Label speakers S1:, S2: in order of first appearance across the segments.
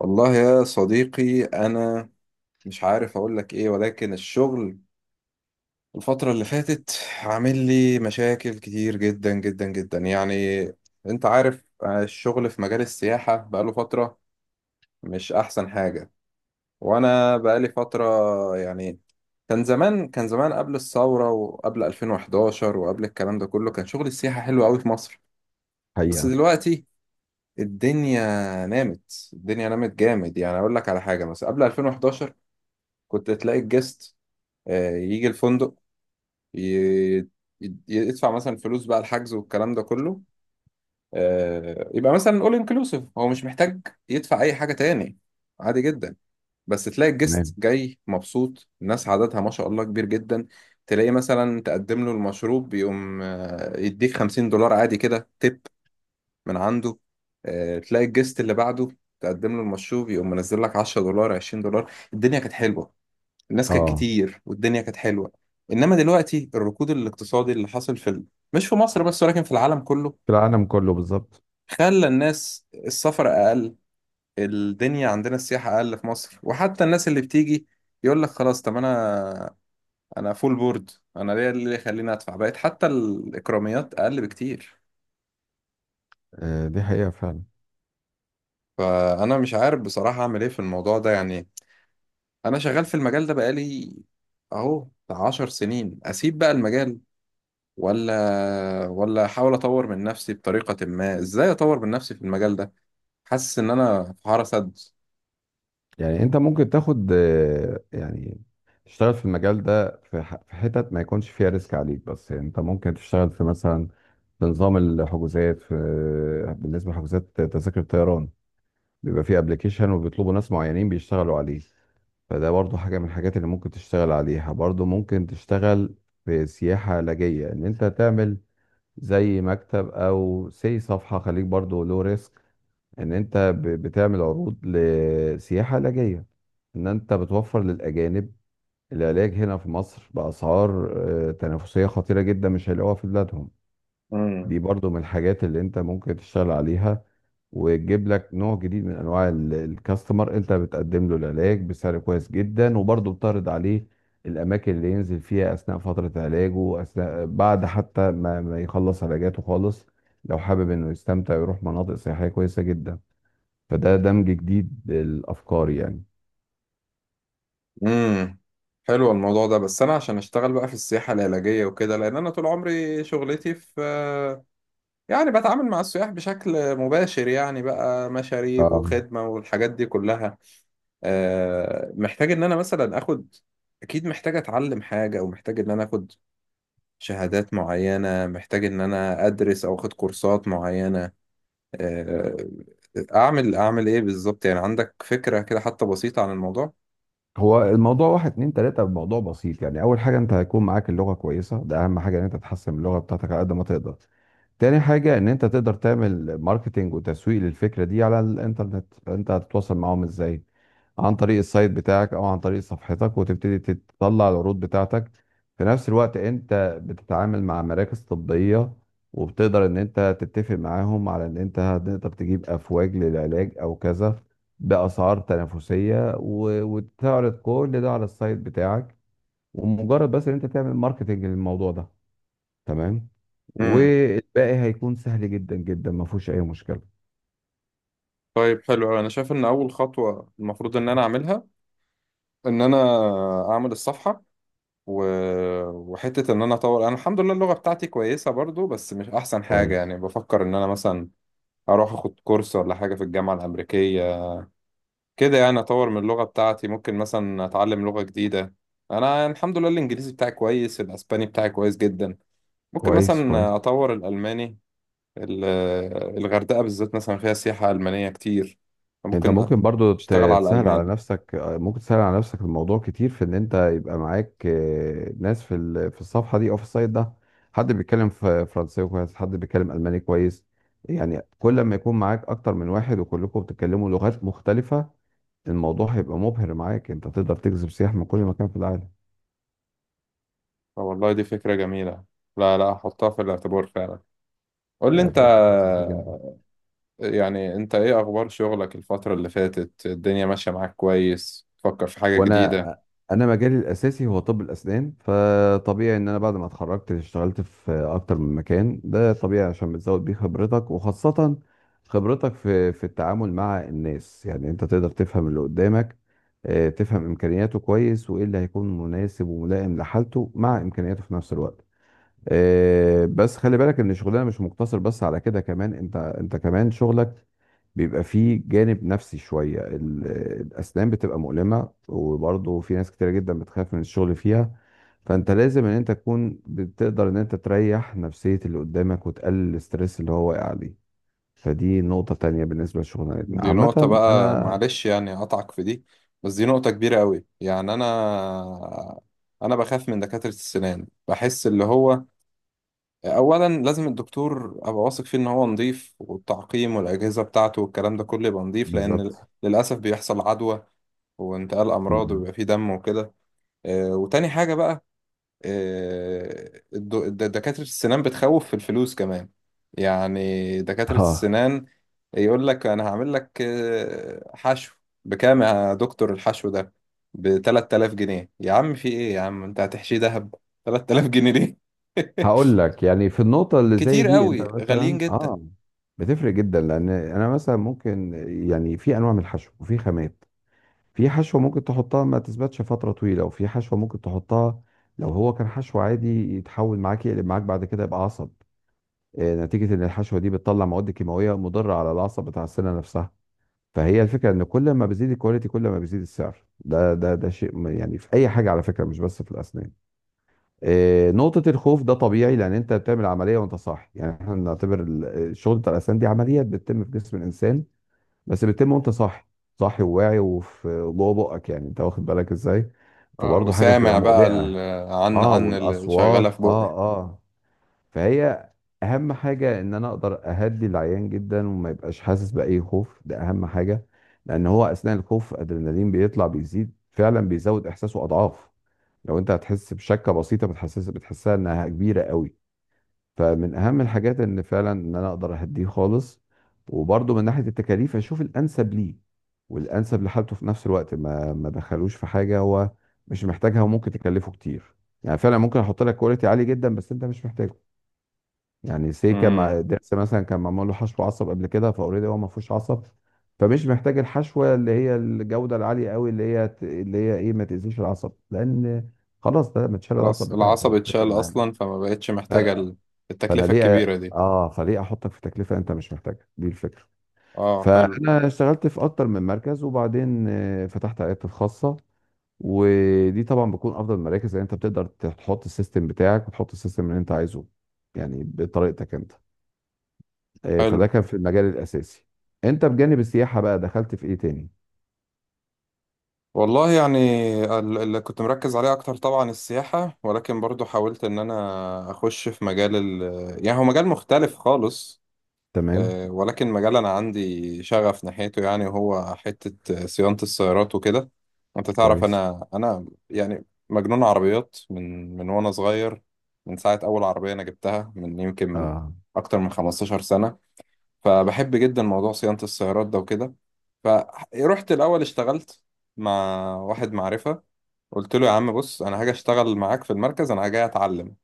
S1: والله يا صديقي، أنا مش عارف أقول لك إيه، ولكن الشغل الفترة اللي فاتت عامل لي مشاكل كتير جدا جدا جدا. يعني أنت عارف، الشغل في مجال السياحة بقاله فترة مش أحسن حاجة، وأنا بقالي فترة. يعني كان زمان قبل الثورة، وقبل 2011، وقبل الكلام ده كله، كان شغل السياحة حلو أوي في مصر. بس
S2: حقيقة.
S1: دلوقتي الدنيا الدنيا نامت جامد. يعني أقول لك على حاجة، مثلا قبل 2011 كنت تلاقي الجست، يجي الفندق، ي- ي- يدفع مثلا فلوس بقى الحجز والكلام ده كله. يبقى مثلا اول انكلوسيف، هو مش محتاج يدفع اي حاجة تاني، عادي جدا. بس تلاقي الجست
S2: تمام.
S1: جاي مبسوط، الناس عددها ما شاء الله كبير جدا. تلاقي مثلا تقدم له المشروب يقوم يديك $50 عادي كده تip من عنده. تلاقي الجست اللي بعده تقدم له المشروب يقوم منزل لك $10، $20. الدنيا كانت حلوة، الناس كانت
S2: اه،
S1: كتير والدنيا كانت حلوة. إنما دلوقتي الركود الاقتصادي اللي حصل في مش في مصر بس، ولكن في العالم كله،
S2: في العالم كله بالظبط.
S1: خلى الناس السفر أقل. الدنيا عندنا السياحة أقل في مصر، وحتى الناس اللي بتيجي يقول لك خلاص، طب أنا، أنا فول بورد، أنا ليه اللي يخليني أدفع؟ بقت حتى الإكراميات أقل بكتير.
S2: آه دي حقيقة فعلا.
S1: فأنا مش عارف بصراحة أعمل إيه في الموضوع ده. يعني أنا شغال في المجال ده بقالي أهو بتاع 10 سنين. أسيب بقى المجال ولا احاول اطور من نفسي بطريقة ما؟ ازاي اطور من نفسي في المجال ده؟ حاسس ان انا في حارة سد.
S2: يعني انت ممكن تاخد تشتغل في المجال ده في حتت ما يكونش فيها ريسك عليك، بس يعني انت ممكن تشتغل في مثلا في نظام الحجوزات، في بالنسبة لحجوزات تذاكر الطيران بيبقى فيه ابلكيشن وبيطلبوا ناس معينين بيشتغلوا عليه. فده برضو حاجة من الحاجات اللي ممكن تشتغل عليها. برضو ممكن تشتغل في سياحة علاجية ان انت تعمل زي مكتب او سي صفحة، خليك برضو لو ريسك، ان انت بتعمل عروض لسياحة علاجية، ان انت بتوفر للاجانب العلاج هنا في مصر باسعار تنافسية خطيرة جدا مش هيلاقوها في بلادهم.
S1: امم،
S2: دي برضو من الحاجات اللي انت ممكن تشتغل عليها وتجيب لك نوع جديد من انواع الكاستمر. انت بتقدم له العلاج بسعر كويس جدا وبرضو بتعرض عليه الاماكن اللي ينزل فيها اثناء فترة علاجه، اثناء بعد حتى ما يخلص علاجاته خالص، لو حابب انه يستمتع ويروح مناطق سياحية كويسة جدا. فده دمج جديد للافكار يعني.
S1: امم، حلو الموضوع ده، بس انا عشان اشتغل بقى في السياحة العلاجية وكده، لان انا طول عمري شغلتي في، يعني بتعامل مع السياح بشكل مباشر، يعني بقى مشاريب
S2: آه.
S1: وخدمة والحاجات دي كلها. محتاج ان انا مثلا اخد، اكيد محتاج اتعلم حاجة، او محتاج ان انا اخد شهادات معينة، محتاج ان انا ادرس او اخد كورسات معينة. آه، اعمل ايه بالظبط؟ يعني عندك فكرة كده حتى بسيطة عن الموضوع؟
S2: هو الموضوع واحد اتنين تلاتة، الموضوع بسيط يعني. أول حاجة أنت هيكون معاك اللغة كويسة، ده أهم حاجة، إن أنت تحسن من اللغة بتاعتك على قد ما تقدر. تاني حاجة إن أنت تقدر تعمل ماركتينج وتسويق للفكرة دي على الإنترنت. أنت هتتواصل معاهم إزاي؟ عن طريق السايت بتاعك او عن طريق صفحتك، وتبتدي تطلع العروض بتاعتك. في نفس الوقت انت بتتعامل مع مراكز طبية وبتقدر ان انت تتفق معاهم على ان انت هتقدر تجيب افواج للعلاج او كذا باسعار تنافسية، وتعرض كل ده على السايت بتاعك. ومجرد بس ان انت تعمل ماركتنج للموضوع ده، تمام،
S1: امم،
S2: والباقي هيكون سهل جدا جدا، ما فيهوش اي مشكلة.
S1: طيب حلو أوي. انا شايف ان اول خطوة المفروض ان انا اعملها، ان انا اعمل الصفحة و... وحتة ان انا اطور. انا الحمد لله اللغة بتاعتي كويسة برضو، بس مش احسن حاجة.
S2: كويس
S1: يعني بفكر ان انا مثلا اروح اخد كورس ولا حاجة في الجامعة الامريكية كده، يعني اطور من اللغة بتاعتي. ممكن مثلا اتعلم لغة جديدة. انا الحمد لله الانجليزي بتاعي كويس، الاسباني بتاعي كويس جدا، ممكن
S2: كويس. كويس
S1: مثلا اطور الالماني. ال- الغردقة بالذات مثلا فيها سياحة ألمانية كتير،
S2: انت
S1: ممكن
S2: ممكن برضو
S1: أشتغل على
S2: تسهل على
S1: الألمان.
S2: نفسك، ممكن تسهل على نفسك الموضوع كتير في ان انت يبقى معاك ناس في في الصفحه دي او في السايت ده، حد بيتكلم فرنساوي كويس، حد بيتكلم الماني كويس. يعني كل ما يكون معاك اكتر من واحد وكلكم بتتكلموا لغات مختلفه، الموضوع هيبقى مبهر معاك، انت تقدر تجذب سياح من كل مكان في العالم.
S1: آه والله دي فكرة جميلة، لا لا، أحطها في الاعتبار فعلا. قول لي أنت،
S2: تبقى فكره لطيفه جدا.
S1: يعني أنت إيه أخبار شغلك الفترة اللي فاتت؟ الدنيا ماشية معاك كويس؟ تفكر في حاجة
S2: وانا
S1: جديدة؟
S2: انا مجالي الاساسي هو طب الاسنان، فطبيعي ان انا بعد ما اتخرجت اشتغلت في اكتر من مكان، ده طبيعي عشان بتزود بيه خبرتك، وخاصة خبرتك في التعامل مع الناس. يعني انت تقدر تفهم اللي قدامك، تفهم امكانياته كويس، وايه اللي هيكون مناسب وملائم لحالته مع امكانياته في نفس الوقت. بس خلي بالك ان شغلنا مش مقتصر بس على كده، كمان انت كمان شغلك بيبقى فيه جانب نفسي شوية. الاسنان بتبقى مؤلمة وبرضه في ناس كتيرة جدا بتخاف من الشغل فيها، فانت لازم ان انت تكون بتقدر ان انت تريح نفسية اللي قدامك وتقلل الستريس اللي هو واقع عليه. فدي نقطة تانية بالنسبة لشغلنا
S1: دي نقطة
S2: عامة.
S1: بقى،
S2: انا
S1: معلش يعني أقطعك في دي، بس دي نقطة كبيرة قوي. يعني أنا بخاف من دكاترة السنان، بحس اللي هو اولا لازم الدكتور ابقى واثق فيه ان هو نظيف، والتعقيم والاجهزه بتاعته والكلام ده كله يبقى نظيف، لان
S2: بالظبط.
S1: للاسف بيحصل عدوى وانتقال امراض
S2: مم.
S1: ويبقى فيه دم وكده. وتاني حاجه بقى، دكاتره السنان بتخوف في الفلوس كمان. يعني دكاتره
S2: اه،
S1: السنان يقول لك انا هعمل لك حشو. بكام يا دكتور الحشو ده؟ ب 3000 جنيه؟ يا عم في ايه؟ يا عم انت هتحشيه دهب؟ 3000 جنيه ليه؟
S2: هقول لك يعني في النقطة اللي زي
S1: كتير
S2: دي انت
S1: قوي، غاليين
S2: مثلا
S1: جدا.
S2: اه بتفرق جدا، لان انا مثلا ممكن، يعني في انواع من الحشو وفي خامات، في حشوة ممكن تحطها ما تثبتش فترة طويلة، وفي حشوة ممكن تحطها لو هو كان حشو عادي يتحول معاك، يقلب معاك بعد كده يبقى عصب، نتيجة ان الحشوة دي بتطلع مواد كيماوية مضرة على العصب بتاع السنة نفسها. فهي الفكرة ان كل ما بيزيد الكواليتي كل ما بيزيد السعر، ده شيء يعني في اي حاجة على فكرة، مش بس في الاسنان. نقطة الخوف ده طبيعي، لأن أنت بتعمل عملية وأنت صاح، يعني إحنا بنعتبر الشغل بتاع الأسنان دي عمليات بتتم في جسم الإنسان، بس بتتم وأنت صاحي، صاحي وواعي، وفي جوه بقك، يعني أنت واخد بالك إزاي؟
S1: اه،
S2: فبرضه حاجة
S1: وسامع
S2: بتبقى
S1: بقى
S2: مقلقة.
S1: عن
S2: أه،
S1: عن اللي شغالة
S2: والأصوات
S1: في بقي.
S2: أه أه. فهي أهم حاجة إن أنا أقدر أهدي العيان جدا وما يبقاش حاسس بأي خوف، ده أهم حاجة، لأن هو أثناء الخوف أدرينالين بيطلع بيزيد فعلا، بيزود إحساسه أضعاف. لو انت هتحس بشكه بسيطه بتحسس بتحسها انها كبيره قوي. فمن اهم الحاجات ان فعلا ان انا اقدر اهديه خالص، وبرده من ناحيه التكاليف اشوف الانسب ليه والانسب لحالته في نفس الوقت، ما دخلوش في حاجه هو مش محتاجها وممكن تكلفه كتير. يعني فعلا ممكن احط لك كواليتي عالي جدا بس انت مش محتاجه. يعني سيكا مع
S1: امم،
S2: درس مثلا كان معمول له حشو عصب قبل كده، فاوريدي هو ما فيهوش عصب، فمش محتاج الحشوه اللي هي الجوده العاليه قوي، اللي هي اللي هي ايه، ما تاذيش العصب، لان خلاص ده متشال العصب
S1: خلاص
S2: بتاعه،
S1: العصب
S2: فمش هتفرق
S1: اتشال
S2: معانا
S1: اصلا، فما بقتش محتاجة
S2: فرق. فانا
S1: التكلفة
S2: ليه
S1: الكبيرة دي.
S2: فليه احطك في تكلفه انت مش محتاجها، دي الفكره.
S1: اه حلو،
S2: فانا اشتغلت في اكتر من مركز وبعدين فتحت عيادتي الخاصه. ودي طبعا بتكون افضل مراكز، لان انت بتقدر تحط السيستم بتاعك وتحط السيستم اللي انت عايزه، يعني بطريقتك انت. فده
S1: حلو
S2: كان في المجال الاساسي. انت بجانب السياحه بقى دخلت في ايه تاني؟
S1: والله. يعني اللي كنت مركز عليه اكتر طبعا السياحة، ولكن برضو حاولت ان انا اخش في مجال يعني هو مجال مختلف خالص.
S2: تمام.
S1: ولكن مجال أنا عندي شغف ناحيته. يعني هو حتة صيانة السيارات وكده. أنت تعرف،
S2: كويس.
S1: أنا يعني مجنون عربيات من وأنا صغير. من ساعة أول عربية أنا جبتها من يمكن من
S2: اه،
S1: أكتر من 15 سنة. فبحب جدا موضوع صيانة السيارات ده وكده. فرحت الأول اشتغلت مع واحد معرفة، قلت له يا عم بص، أنا هاجي أشتغل معاك في المركز، أنا جاي أتعلم.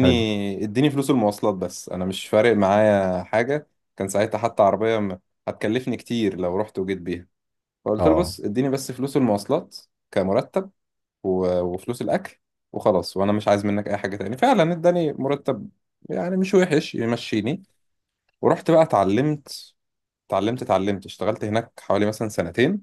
S2: حلو.
S1: اديني فلوس المواصلات بس، انا مش فارق معايا حاجه. كان ساعتها حتى عربيه هتكلفني كتير لو رحت وجيت بيها. فقلت له
S2: اه،
S1: بص، اديني بس فلوس المواصلات كمرتب، وفلوس الاكل، وخلاص، وانا مش عايز منك اي حاجه تاني. فعلا اداني مرتب، يعني مش وحش، يمشيني. ورحت بقى اتعلمت، اتعلمت اشتغلت هناك حوالي مثلا سنتين.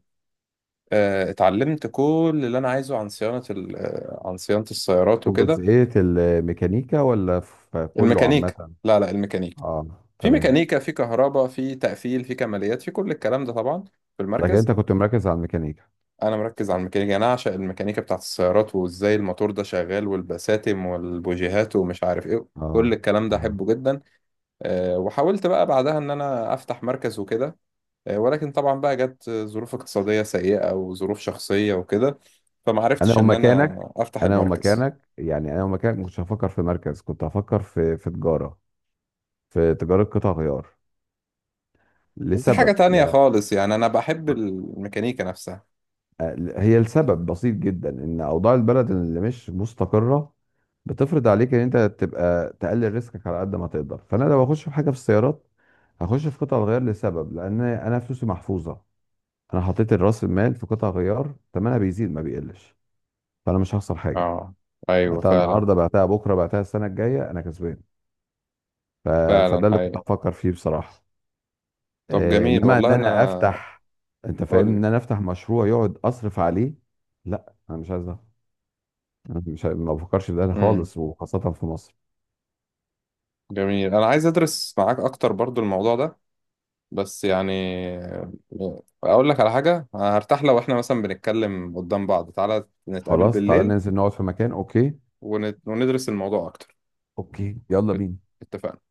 S1: اتعلمت كل اللي انا عايزه عن صيانه عن صيانه السيارات
S2: في
S1: وكده.
S2: جزئيه الميكانيكا ولا في كله
S1: الميكانيكا،
S2: عامه؟
S1: لا لا الميكانيكا.
S2: اه
S1: في
S2: تمام.
S1: ميكانيكا، في كهرباء، في تقفيل، في كماليات، في كل الكلام ده طبعا، في
S2: لكن
S1: المركز.
S2: انت كنت مركز على الميكانيكا.
S1: انا مركز على الميكانيكا، يعني انا اعشق الميكانيكا بتاعت السيارات، وازاي الموتور ده شغال، والبساتم والبوجيهات ومش عارف ايه، كل
S2: اه.
S1: الكلام ده
S2: اه.
S1: احبه جدا. أه وحاولت بقى بعدها ان انا افتح مركز وكده. أه ولكن طبعا بقى جت ظروف اقتصادية سيئة وظروف شخصية وكده، فما
S2: انا
S1: عرفتش ان انا
S2: ومكانك،
S1: افتح
S2: انا
S1: المركز.
S2: ومكانك يعني انا ومكانك ما كنتش هفكر في مركز، كنت هفكر في تجاره، في تجاره قطع غيار،
S1: بس دي حاجة
S2: لسبب.
S1: تانية
S2: لا،
S1: خالص، يعني انا بحب الميكانيكا نفسها.
S2: هي السبب بسيط جدا، ان اوضاع البلد اللي مش مستقره بتفرض عليك ان انت تبقى تقلل ريسكك على قد ما تقدر. فانا لو اخش في حاجه في السيارات هخش في قطع الغيار، لسبب لان انا فلوسي محفوظه. انا حطيت راس المال في قطع غيار ثمنها بيزيد ما بيقلش، فانا مش هخسر حاجه.
S1: اه، ايوه
S2: بعتها
S1: فعلا.
S2: النهارده بعتها بكره بعتها السنه الجايه انا كسبان. ف...
S1: فعلا
S2: فده اللي كنت
S1: حقيقي.
S2: بفكر فيه بصراحه.
S1: طب
S2: إيه،
S1: جميل
S2: انما ان
S1: والله، انا
S2: انا افتح، انت فاهمني
S1: اقول
S2: ان
S1: لك.
S2: انا افتح مشروع يقعد اصرف عليه؟ لا انا مش عايز ده، أنا مش ما بفكرش في ده
S1: امم،
S2: خالص، وخاصة في مصر.
S1: جميل. انا عايز ادرس معاك اكتر برضو الموضوع ده، بس يعني اقول لك على حاجه، أنا هرتاح لو احنا مثلا بنتكلم قدام بعض. تعالى نتقابل
S2: خلاص تعالى
S1: بالليل،
S2: ننزل نقعد في مكان، اوكي.
S1: وندرس الموضوع اكتر.
S2: اوكي يلا
S1: ات-
S2: بينا.
S1: اتفقنا.